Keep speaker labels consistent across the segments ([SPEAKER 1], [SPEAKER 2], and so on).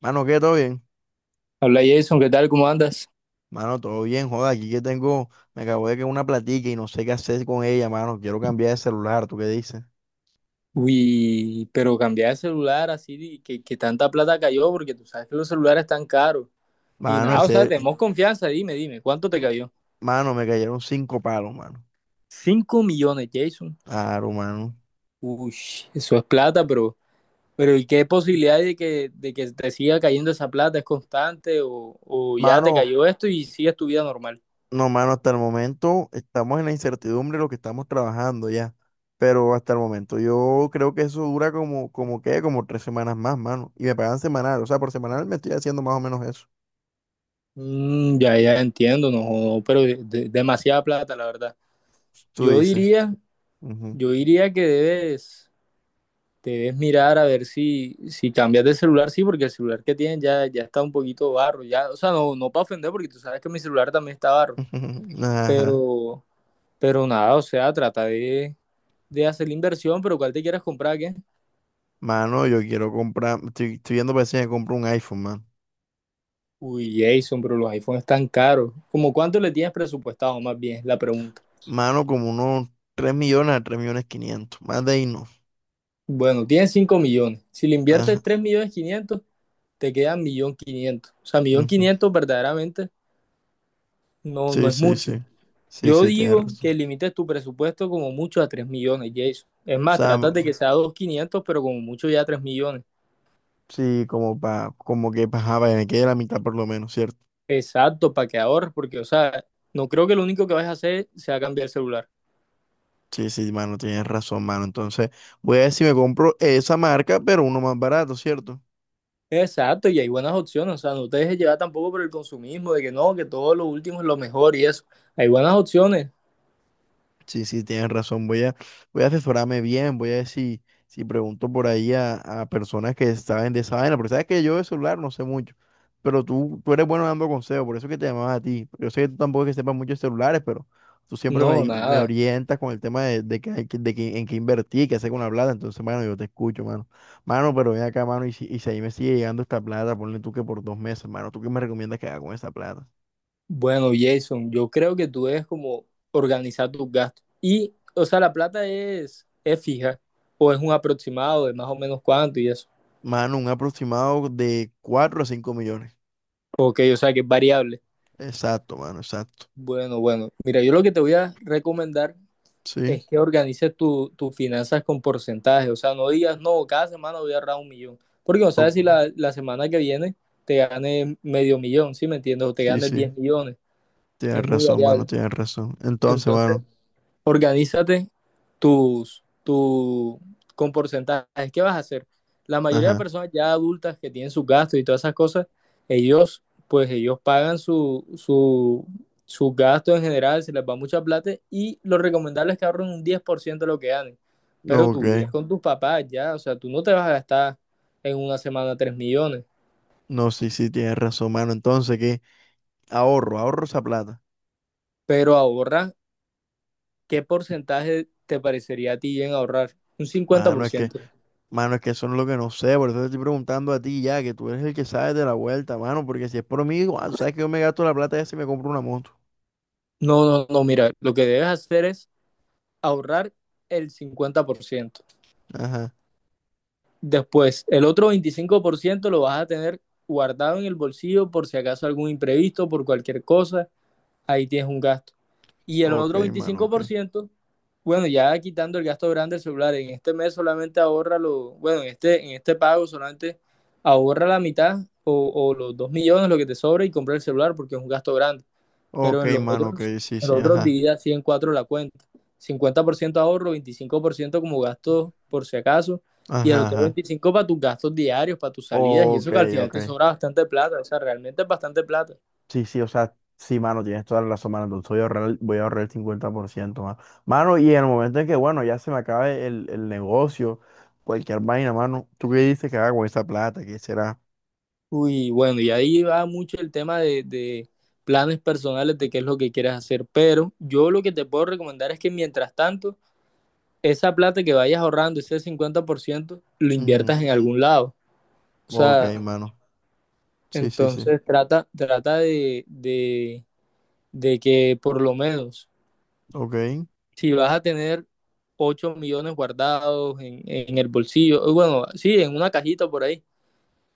[SPEAKER 1] Mano, ¿qué? ¿Todo bien?
[SPEAKER 2] Habla Jason, ¿qué tal? ¿Cómo andas?
[SPEAKER 1] Mano, todo bien, joda. Aquí que tengo, me acabo de caer una platica y no sé qué hacer con ella, mano. Quiero cambiar de celular, ¿tú qué dices?
[SPEAKER 2] Uy, pero cambiar de celular así, que tanta plata cayó, porque tú sabes que los celulares están caros. Y
[SPEAKER 1] Mano,
[SPEAKER 2] nada, o sea,
[SPEAKER 1] ese,
[SPEAKER 2] tenemos confianza, dime, dime, ¿cuánto te cayó?
[SPEAKER 1] mano, me cayeron cinco palos, mano.
[SPEAKER 2] 5 millones, Jason.
[SPEAKER 1] Claro, mano.
[SPEAKER 2] Uy, eso es plata, pero ¿y qué posibilidad hay de que te siga cayendo esa plata? ¿Es constante o ya te
[SPEAKER 1] Mano,
[SPEAKER 2] cayó esto y sigues tu vida normal?
[SPEAKER 1] no, mano, hasta el momento estamos en la incertidumbre de lo que estamos trabajando ya. Pero hasta el momento yo creo que eso dura como, como 3 semanas más, mano. Y me pagan semanal, o sea, por semanal me estoy haciendo más o menos eso.
[SPEAKER 2] Ya entiendo, no, jodo, pero demasiada plata, la verdad.
[SPEAKER 1] Tú
[SPEAKER 2] Yo
[SPEAKER 1] dices.
[SPEAKER 2] diría,
[SPEAKER 1] Ujú.
[SPEAKER 2] yo diría que debes. Debes mirar a ver si cambias de celular, sí, porque el celular que tienes ya está un poquito barro, ya, o sea, no, no para ofender, porque tú sabes que mi celular también está barro,
[SPEAKER 1] Ajá.
[SPEAKER 2] pero, pero nada, o sea, trata de hacer la inversión, pero ¿cuál te quieres comprar, qué?
[SPEAKER 1] Mano, yo quiero comprar, estoy viendo para ver si me compro un iPhone, mano.
[SPEAKER 2] Uy, Jason, pero los iPhones están caros. ¿Cómo cuánto le tienes presupuestado, más bien, es la pregunta?
[SPEAKER 1] Mano, como unos 3 millones a 3 millones 500. Más de ahí no.
[SPEAKER 2] Bueno, tienes 5 millones, si le inviertes
[SPEAKER 1] Ajá,
[SPEAKER 2] 3 millones quinientos te quedan millón quinientos, o sea, millón
[SPEAKER 1] ujú.
[SPEAKER 2] quinientos verdaderamente no
[SPEAKER 1] Sí,
[SPEAKER 2] es
[SPEAKER 1] sí,
[SPEAKER 2] mucho.
[SPEAKER 1] sí. Sí,
[SPEAKER 2] Yo
[SPEAKER 1] sí, tienes
[SPEAKER 2] digo que
[SPEAKER 1] razón.
[SPEAKER 2] limites tu presupuesto como mucho a 3 millones, Jason. Es
[SPEAKER 1] O
[SPEAKER 2] más,
[SPEAKER 1] sea,
[SPEAKER 2] trata de que sea 2.500, pero como mucho ya 3 millones.
[SPEAKER 1] sí, como que para, me quede la mitad por lo menos, ¿cierto?
[SPEAKER 2] Exacto, para que ahorres, porque, o sea, no creo que lo único que vas a hacer sea cambiar el celular.
[SPEAKER 1] Sí, sí, mano, tienes razón, mano. Entonces, voy a ver si me compro esa marca, pero uno más barato, ¿cierto?
[SPEAKER 2] Exacto, y hay buenas opciones, o sea, no te dejes llevar tampoco por el consumismo, de que no, que todo lo último es lo mejor y eso. Hay buenas opciones.
[SPEAKER 1] Sí, sí, tienes razón. Voy a asesorarme bien, voy a ver si, si pregunto por ahí a personas que saben de esa vaina, porque sabes que yo de celular no sé mucho, pero tú eres bueno dando consejos, por eso es que te llamaba a ti. Yo sé que tú tampoco es que sepas mucho de celulares, pero tú siempre
[SPEAKER 2] No,
[SPEAKER 1] me
[SPEAKER 2] nada.
[SPEAKER 1] orientas con el tema de, que, hay que- de que- en qué invertir, qué hacer con la plata, entonces, mano, yo te escucho, mano. Mano, pero ven acá, mano, y si ahí me sigue llegando esta plata, ponle tú que por 2 meses, mano, ¿tú qué me recomiendas que haga con esa plata?
[SPEAKER 2] Bueno, Jason, yo creo que tú debes como organizar tus gastos. Y, o sea, la plata es fija, o es un aproximado de más o menos cuánto y eso.
[SPEAKER 1] Mano, un aproximado de 4 a 5 millones.
[SPEAKER 2] Ok, o sea que es variable.
[SPEAKER 1] Exacto, mano, exacto.
[SPEAKER 2] Bueno, bueno. Mira, yo lo que te voy a recomendar
[SPEAKER 1] Sí,
[SPEAKER 2] es que organices tus finanzas con porcentaje. O sea, no digas, no, cada semana voy a ahorrar 1 millón. Porque no
[SPEAKER 1] o-
[SPEAKER 2] sabes si la semana que viene te ganes medio millón, ¿sí me entiendes? O te
[SPEAKER 1] sí,
[SPEAKER 2] ganes
[SPEAKER 1] sí,
[SPEAKER 2] 10 millones.
[SPEAKER 1] tienes
[SPEAKER 2] Es muy
[SPEAKER 1] razón, mano,
[SPEAKER 2] variable.
[SPEAKER 1] tienes razón. Entonces,
[SPEAKER 2] Entonces,
[SPEAKER 1] mano,
[SPEAKER 2] organízate tus, tu, con porcentajes. ¿Qué vas a hacer? La mayoría de
[SPEAKER 1] ajá,
[SPEAKER 2] personas ya adultas que tienen sus gastos y todas esas cosas, ellos, pues ellos pagan sus gastos en general, se les va mucha plata y lo recomendable es que ahorren un 10% de lo que ganen. Pero
[SPEAKER 1] no,
[SPEAKER 2] tú
[SPEAKER 1] ok.
[SPEAKER 2] vives con tus papás ya, o sea, tú no te vas a gastar en una semana 3 millones,
[SPEAKER 1] No, sí, sí, tienes razón, mano. Entonces, ¿qué? Ahorro esa plata.
[SPEAKER 2] pero ahorra, ¿qué porcentaje te parecería a ti bien ahorrar? Un cincuenta
[SPEAKER 1] Mano,
[SPEAKER 2] por
[SPEAKER 1] es que,
[SPEAKER 2] ciento.
[SPEAKER 1] mano, es que eso no es lo que no sé, por eso te estoy preguntando a ti ya, que tú eres el que sabes de la vuelta, mano, porque si es por mí, igual, sabes que yo me gasto la plata esa y me compro una moto.
[SPEAKER 2] No, no, no, mira, lo que debes hacer es ahorrar el 50%.
[SPEAKER 1] Ajá,
[SPEAKER 2] Después, el otro 25% lo vas a tener guardado en el bolsillo por si acaso algún imprevisto, por cualquier cosa, ahí tienes un gasto. Y el
[SPEAKER 1] ok,
[SPEAKER 2] otro
[SPEAKER 1] mano,
[SPEAKER 2] veinticinco
[SPEAKER 1] ok.
[SPEAKER 2] por ciento bueno, ya quitando el gasto grande del celular, en este mes solamente ahorra lo, bueno, en este, pago solamente ahorra la mitad o los 2 millones, lo que te sobra y compra el celular porque es un gasto grande, pero
[SPEAKER 1] Ok,
[SPEAKER 2] en los
[SPEAKER 1] mano, ok,
[SPEAKER 2] otros,
[SPEAKER 1] sí,
[SPEAKER 2] en
[SPEAKER 1] sí,
[SPEAKER 2] los otros
[SPEAKER 1] ajá,
[SPEAKER 2] divide así en cuatro la cuenta. 50% ahorro, 25% como gasto por si acaso, y el
[SPEAKER 1] ajá,
[SPEAKER 2] otro
[SPEAKER 1] ajá.
[SPEAKER 2] 25% para tus gastos diarios, para tus salidas, y
[SPEAKER 1] Ok,
[SPEAKER 2] eso que al final
[SPEAKER 1] ok.
[SPEAKER 2] te sobra bastante plata, o sea, realmente es bastante plata.
[SPEAKER 1] Sí, sí, o sea, sí, mano, tienes toda la razón, mano. Entonces voy a ahorrar el 50% mano. Mano, y en el momento en que, bueno, ya se me acabe el negocio, cualquier vaina, mano, ¿tú qué dices que haga con esa plata? ¿Qué será?
[SPEAKER 2] Uy, bueno, y ahí va mucho el tema de planes personales de qué es lo que quieres hacer, pero yo lo que te puedo recomendar es que mientras tanto, esa plata que vayas ahorrando, ese 50% lo
[SPEAKER 1] Ujú.
[SPEAKER 2] inviertas en algún lado. O
[SPEAKER 1] Ok,
[SPEAKER 2] sea,
[SPEAKER 1] mano. Sí, sí, sí.
[SPEAKER 2] entonces trata de que por lo menos
[SPEAKER 1] Ok,
[SPEAKER 2] si vas a tener 8 millones guardados en el bolsillo, bueno, sí, en una cajita por ahí,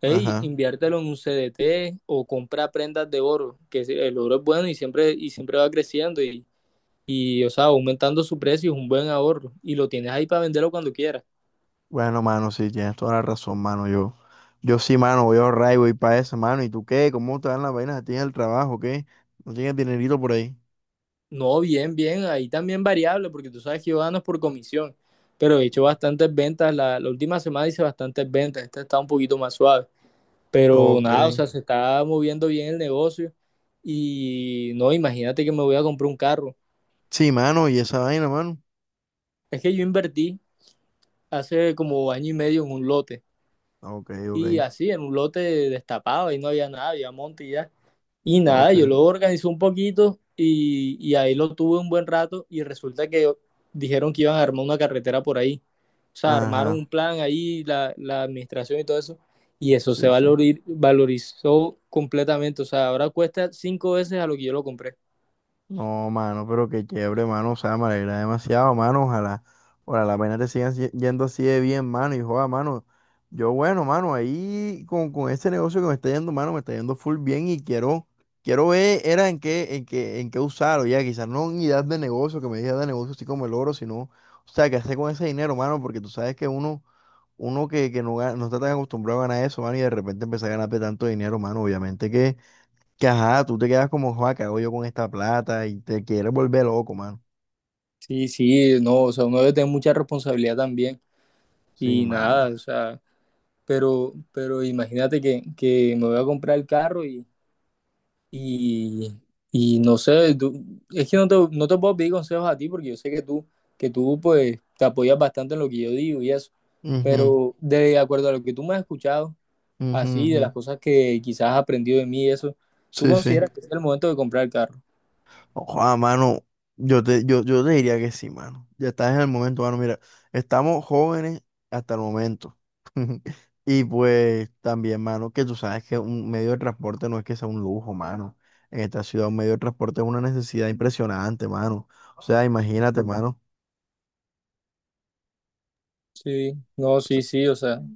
[SPEAKER 2] hey,
[SPEAKER 1] ajá.
[SPEAKER 2] inviértelo en un CDT o compra prendas de oro, que el oro es bueno y siempre va creciendo o sea, aumentando su precio es un buen ahorro y lo tienes ahí para venderlo cuando quieras.
[SPEAKER 1] Bueno, mano, sí, tienes toda la razón, mano. Yo sí, mano, voy a ahorrar y voy para eso, mano. ¿Y tú qué? ¿Cómo te dan las vainas a ti en el trabajo? ¿Qué? ¿No tienes dinerito por ahí?
[SPEAKER 2] No, bien, bien, ahí también variable, porque tú sabes que yo gano por comisión, pero he hecho bastantes ventas, la última semana hice bastantes ventas, esta está un poquito más suave. Pero
[SPEAKER 1] Ok.
[SPEAKER 2] nada, o sea, se está moviendo bien el negocio y no, imagínate que me voy a comprar un carro.
[SPEAKER 1] Sí, mano, y esa vaina, mano.
[SPEAKER 2] Es que yo invertí hace como año y medio en un lote
[SPEAKER 1] Ok,
[SPEAKER 2] y
[SPEAKER 1] ok,
[SPEAKER 2] así, en un lote destapado ahí no había nada, había monte y ya. Y nada,
[SPEAKER 1] ok.
[SPEAKER 2] yo lo organizé un poquito y ahí lo tuve un buen rato y resulta que dijeron que iban a armar una carretera por ahí. O sea, armaron
[SPEAKER 1] Ajá,
[SPEAKER 2] un plan ahí, la administración y todo eso y eso se
[SPEAKER 1] sí, sí.
[SPEAKER 2] valorizó completamente. O sea, ahora cuesta 5 veces a lo que yo lo compré.
[SPEAKER 1] No, mano, pero qué chévere, mano. O sea, me alegra demasiado, mano. Ojalá, ojalá las vainas te sigan yendo así de bien, mano. Y joda, mano. Yo, bueno, mano, ahí con este negocio que me está yendo, mano, me está yendo full bien y quiero ver, era en qué usarlo, ya. Quizás no unidad de negocio, que me digas de negocio así como el oro, sino, o sea, qué hacer con ese dinero, mano, porque tú sabes que uno, uno que no, no está tan acostumbrado a ganar eso, mano, y de repente empezar a ganar tanto dinero, mano, obviamente que. Que ajá, tú te quedas como, joa, ¿qué hago yo con esta plata? Y te quieres volver loco, mano.
[SPEAKER 2] Sí, sí, no, o sea, uno debe tener mucha responsabilidad también
[SPEAKER 1] Sí,
[SPEAKER 2] y nada,
[SPEAKER 1] mano.
[SPEAKER 2] o sea, pero imagínate que me voy a comprar el carro y, y no sé, es que no te puedo pedir consejos a ti porque yo sé que tú, pues te apoyas bastante en lo que yo digo y eso,
[SPEAKER 1] Ujú,
[SPEAKER 2] pero de acuerdo a lo que tú me has escuchado,
[SPEAKER 1] ujú,
[SPEAKER 2] así, de
[SPEAKER 1] ujú.
[SPEAKER 2] las cosas que quizás has aprendido de mí y eso, ¿tú
[SPEAKER 1] Sí, sí.
[SPEAKER 2] consideras que es el momento de comprar el carro?
[SPEAKER 1] Ojalá, mano. Yo te diría que sí, mano. Ya estás en el momento, mano. Mira, estamos jóvenes hasta el momento. Y pues también, mano, que tú sabes que un medio de transporte no es que sea un lujo, mano. En esta ciudad un medio de transporte es una necesidad impresionante, mano. O sea, imagínate, mano.
[SPEAKER 2] Sí, no, sí, sí, o sea,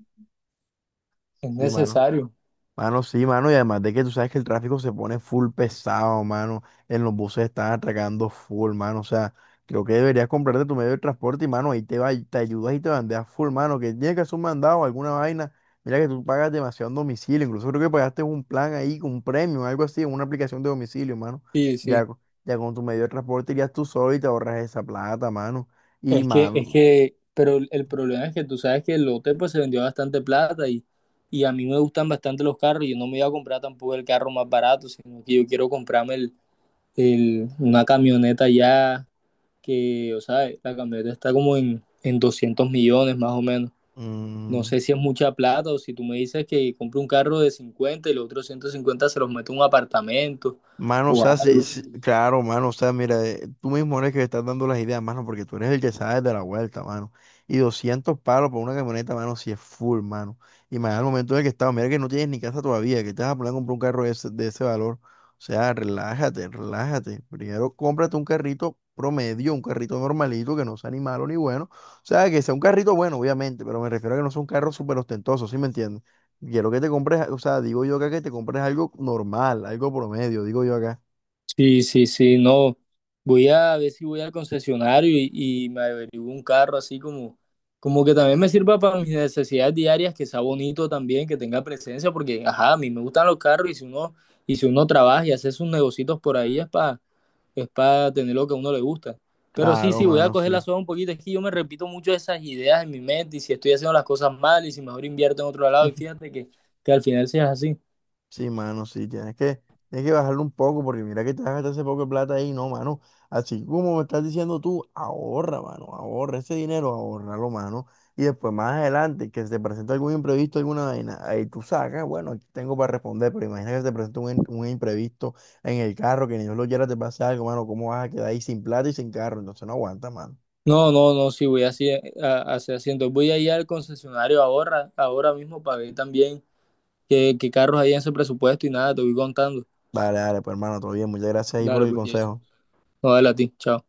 [SPEAKER 2] es
[SPEAKER 1] Sí, mano.
[SPEAKER 2] necesario,
[SPEAKER 1] Mano, sí, mano, y además de que tú sabes que el tráfico se pone full pesado, mano, en los buses están atracando full, mano, o sea, creo que deberías comprarte tu medio de transporte y, mano, ahí te va, te ayudas y te bandeas full, mano, que tienes que hacer un mandado o alguna vaina, mira que tú pagas demasiado en domicilio, incluso creo que pagaste un plan ahí, con un premio, algo así, en una aplicación de domicilio, mano,
[SPEAKER 2] sí,
[SPEAKER 1] ya,
[SPEAKER 2] sí.
[SPEAKER 1] ya con tu medio de transporte irías tú solo y te ahorras esa plata, mano, y,
[SPEAKER 2] Es que, es
[SPEAKER 1] mano,
[SPEAKER 2] que, pero el problema es que tú sabes que el lote pues se vendió bastante plata y a mí me gustan bastante los carros. Yo no me iba a comprar tampoco el carro más barato, sino que yo quiero comprarme una camioneta ya que, o sea, la camioneta está como en, 200 millones más o menos. No
[SPEAKER 1] mm,
[SPEAKER 2] sé si es mucha plata o si tú me dices que compre un carro de 50 y los otros 150 se los meto en un apartamento
[SPEAKER 1] Mano, o
[SPEAKER 2] o
[SPEAKER 1] sea, sí,
[SPEAKER 2] algo.
[SPEAKER 1] sí, claro, mano, o sea, mira, tú mismo eres que le estás dando las ideas, mano, porque tú eres el que sabe de la vuelta, mano. Y 200 palos por una camioneta, mano, si es full, mano. Y más al momento en el que estaba, mira que no tienes ni casa todavía, que te vas a poner a comprar un carro de ese valor. O sea, relájate, relájate. Primero cómprate un carrito promedio, un carrito normalito, que no sea ni malo ni bueno. O sea, que sea un carrito bueno, obviamente, pero me refiero a que no sea un carro súper ostentoso, ¿sí me entiendes? Quiero que te compres, o sea, digo yo acá que te compres algo normal, algo promedio, digo yo acá.
[SPEAKER 2] Sí, sí, sí, no. Voy a ver si voy al concesionario y me averiguo un carro así como que también me sirva para mis necesidades diarias, que sea bonito también, que tenga presencia, porque ajá, a mí me gustan los carros y si uno, trabaja y hace sus negocios por ahí es para tener lo que a uno le gusta. Pero sí,
[SPEAKER 1] Claro,
[SPEAKER 2] sí, voy a
[SPEAKER 1] mano,
[SPEAKER 2] coger
[SPEAKER 1] sí.
[SPEAKER 2] la soga un poquito, es que yo me repito mucho esas ideas en mi mente y si estoy haciendo las cosas mal y si mejor invierto en otro lado y fíjate que al final seas así.
[SPEAKER 1] Sí, mano, sí, tienes que bajarlo un poco porque mira que te vas a gastar ese poco de plata ahí, no, mano. Así como me estás diciendo tú, ahorra, mano, ahorra ese dinero, ahorralo, mano. Y después más adelante, que se te presente algún imprevisto, alguna vaina, ahí tú sacas, bueno, aquí tengo para responder, pero imagina que se te presenta un imprevisto en el carro, que ni Dios lo quiera te pase algo, mano, ¿cómo vas a quedar ahí sin plata y sin carro? Entonces no aguanta, mano.
[SPEAKER 2] No, no, no, sí voy así, así haciendo. Voy a ir al concesionario ahora, ahora mismo para ver también qué carros hay en ese presupuesto y nada, te voy contando.
[SPEAKER 1] Dale, dale, pues hermano, todo bien. Muchas gracias ahí por
[SPEAKER 2] Dale,
[SPEAKER 1] el
[SPEAKER 2] pues, Jason.
[SPEAKER 1] consejo.
[SPEAKER 2] No, Dale a ti, chao.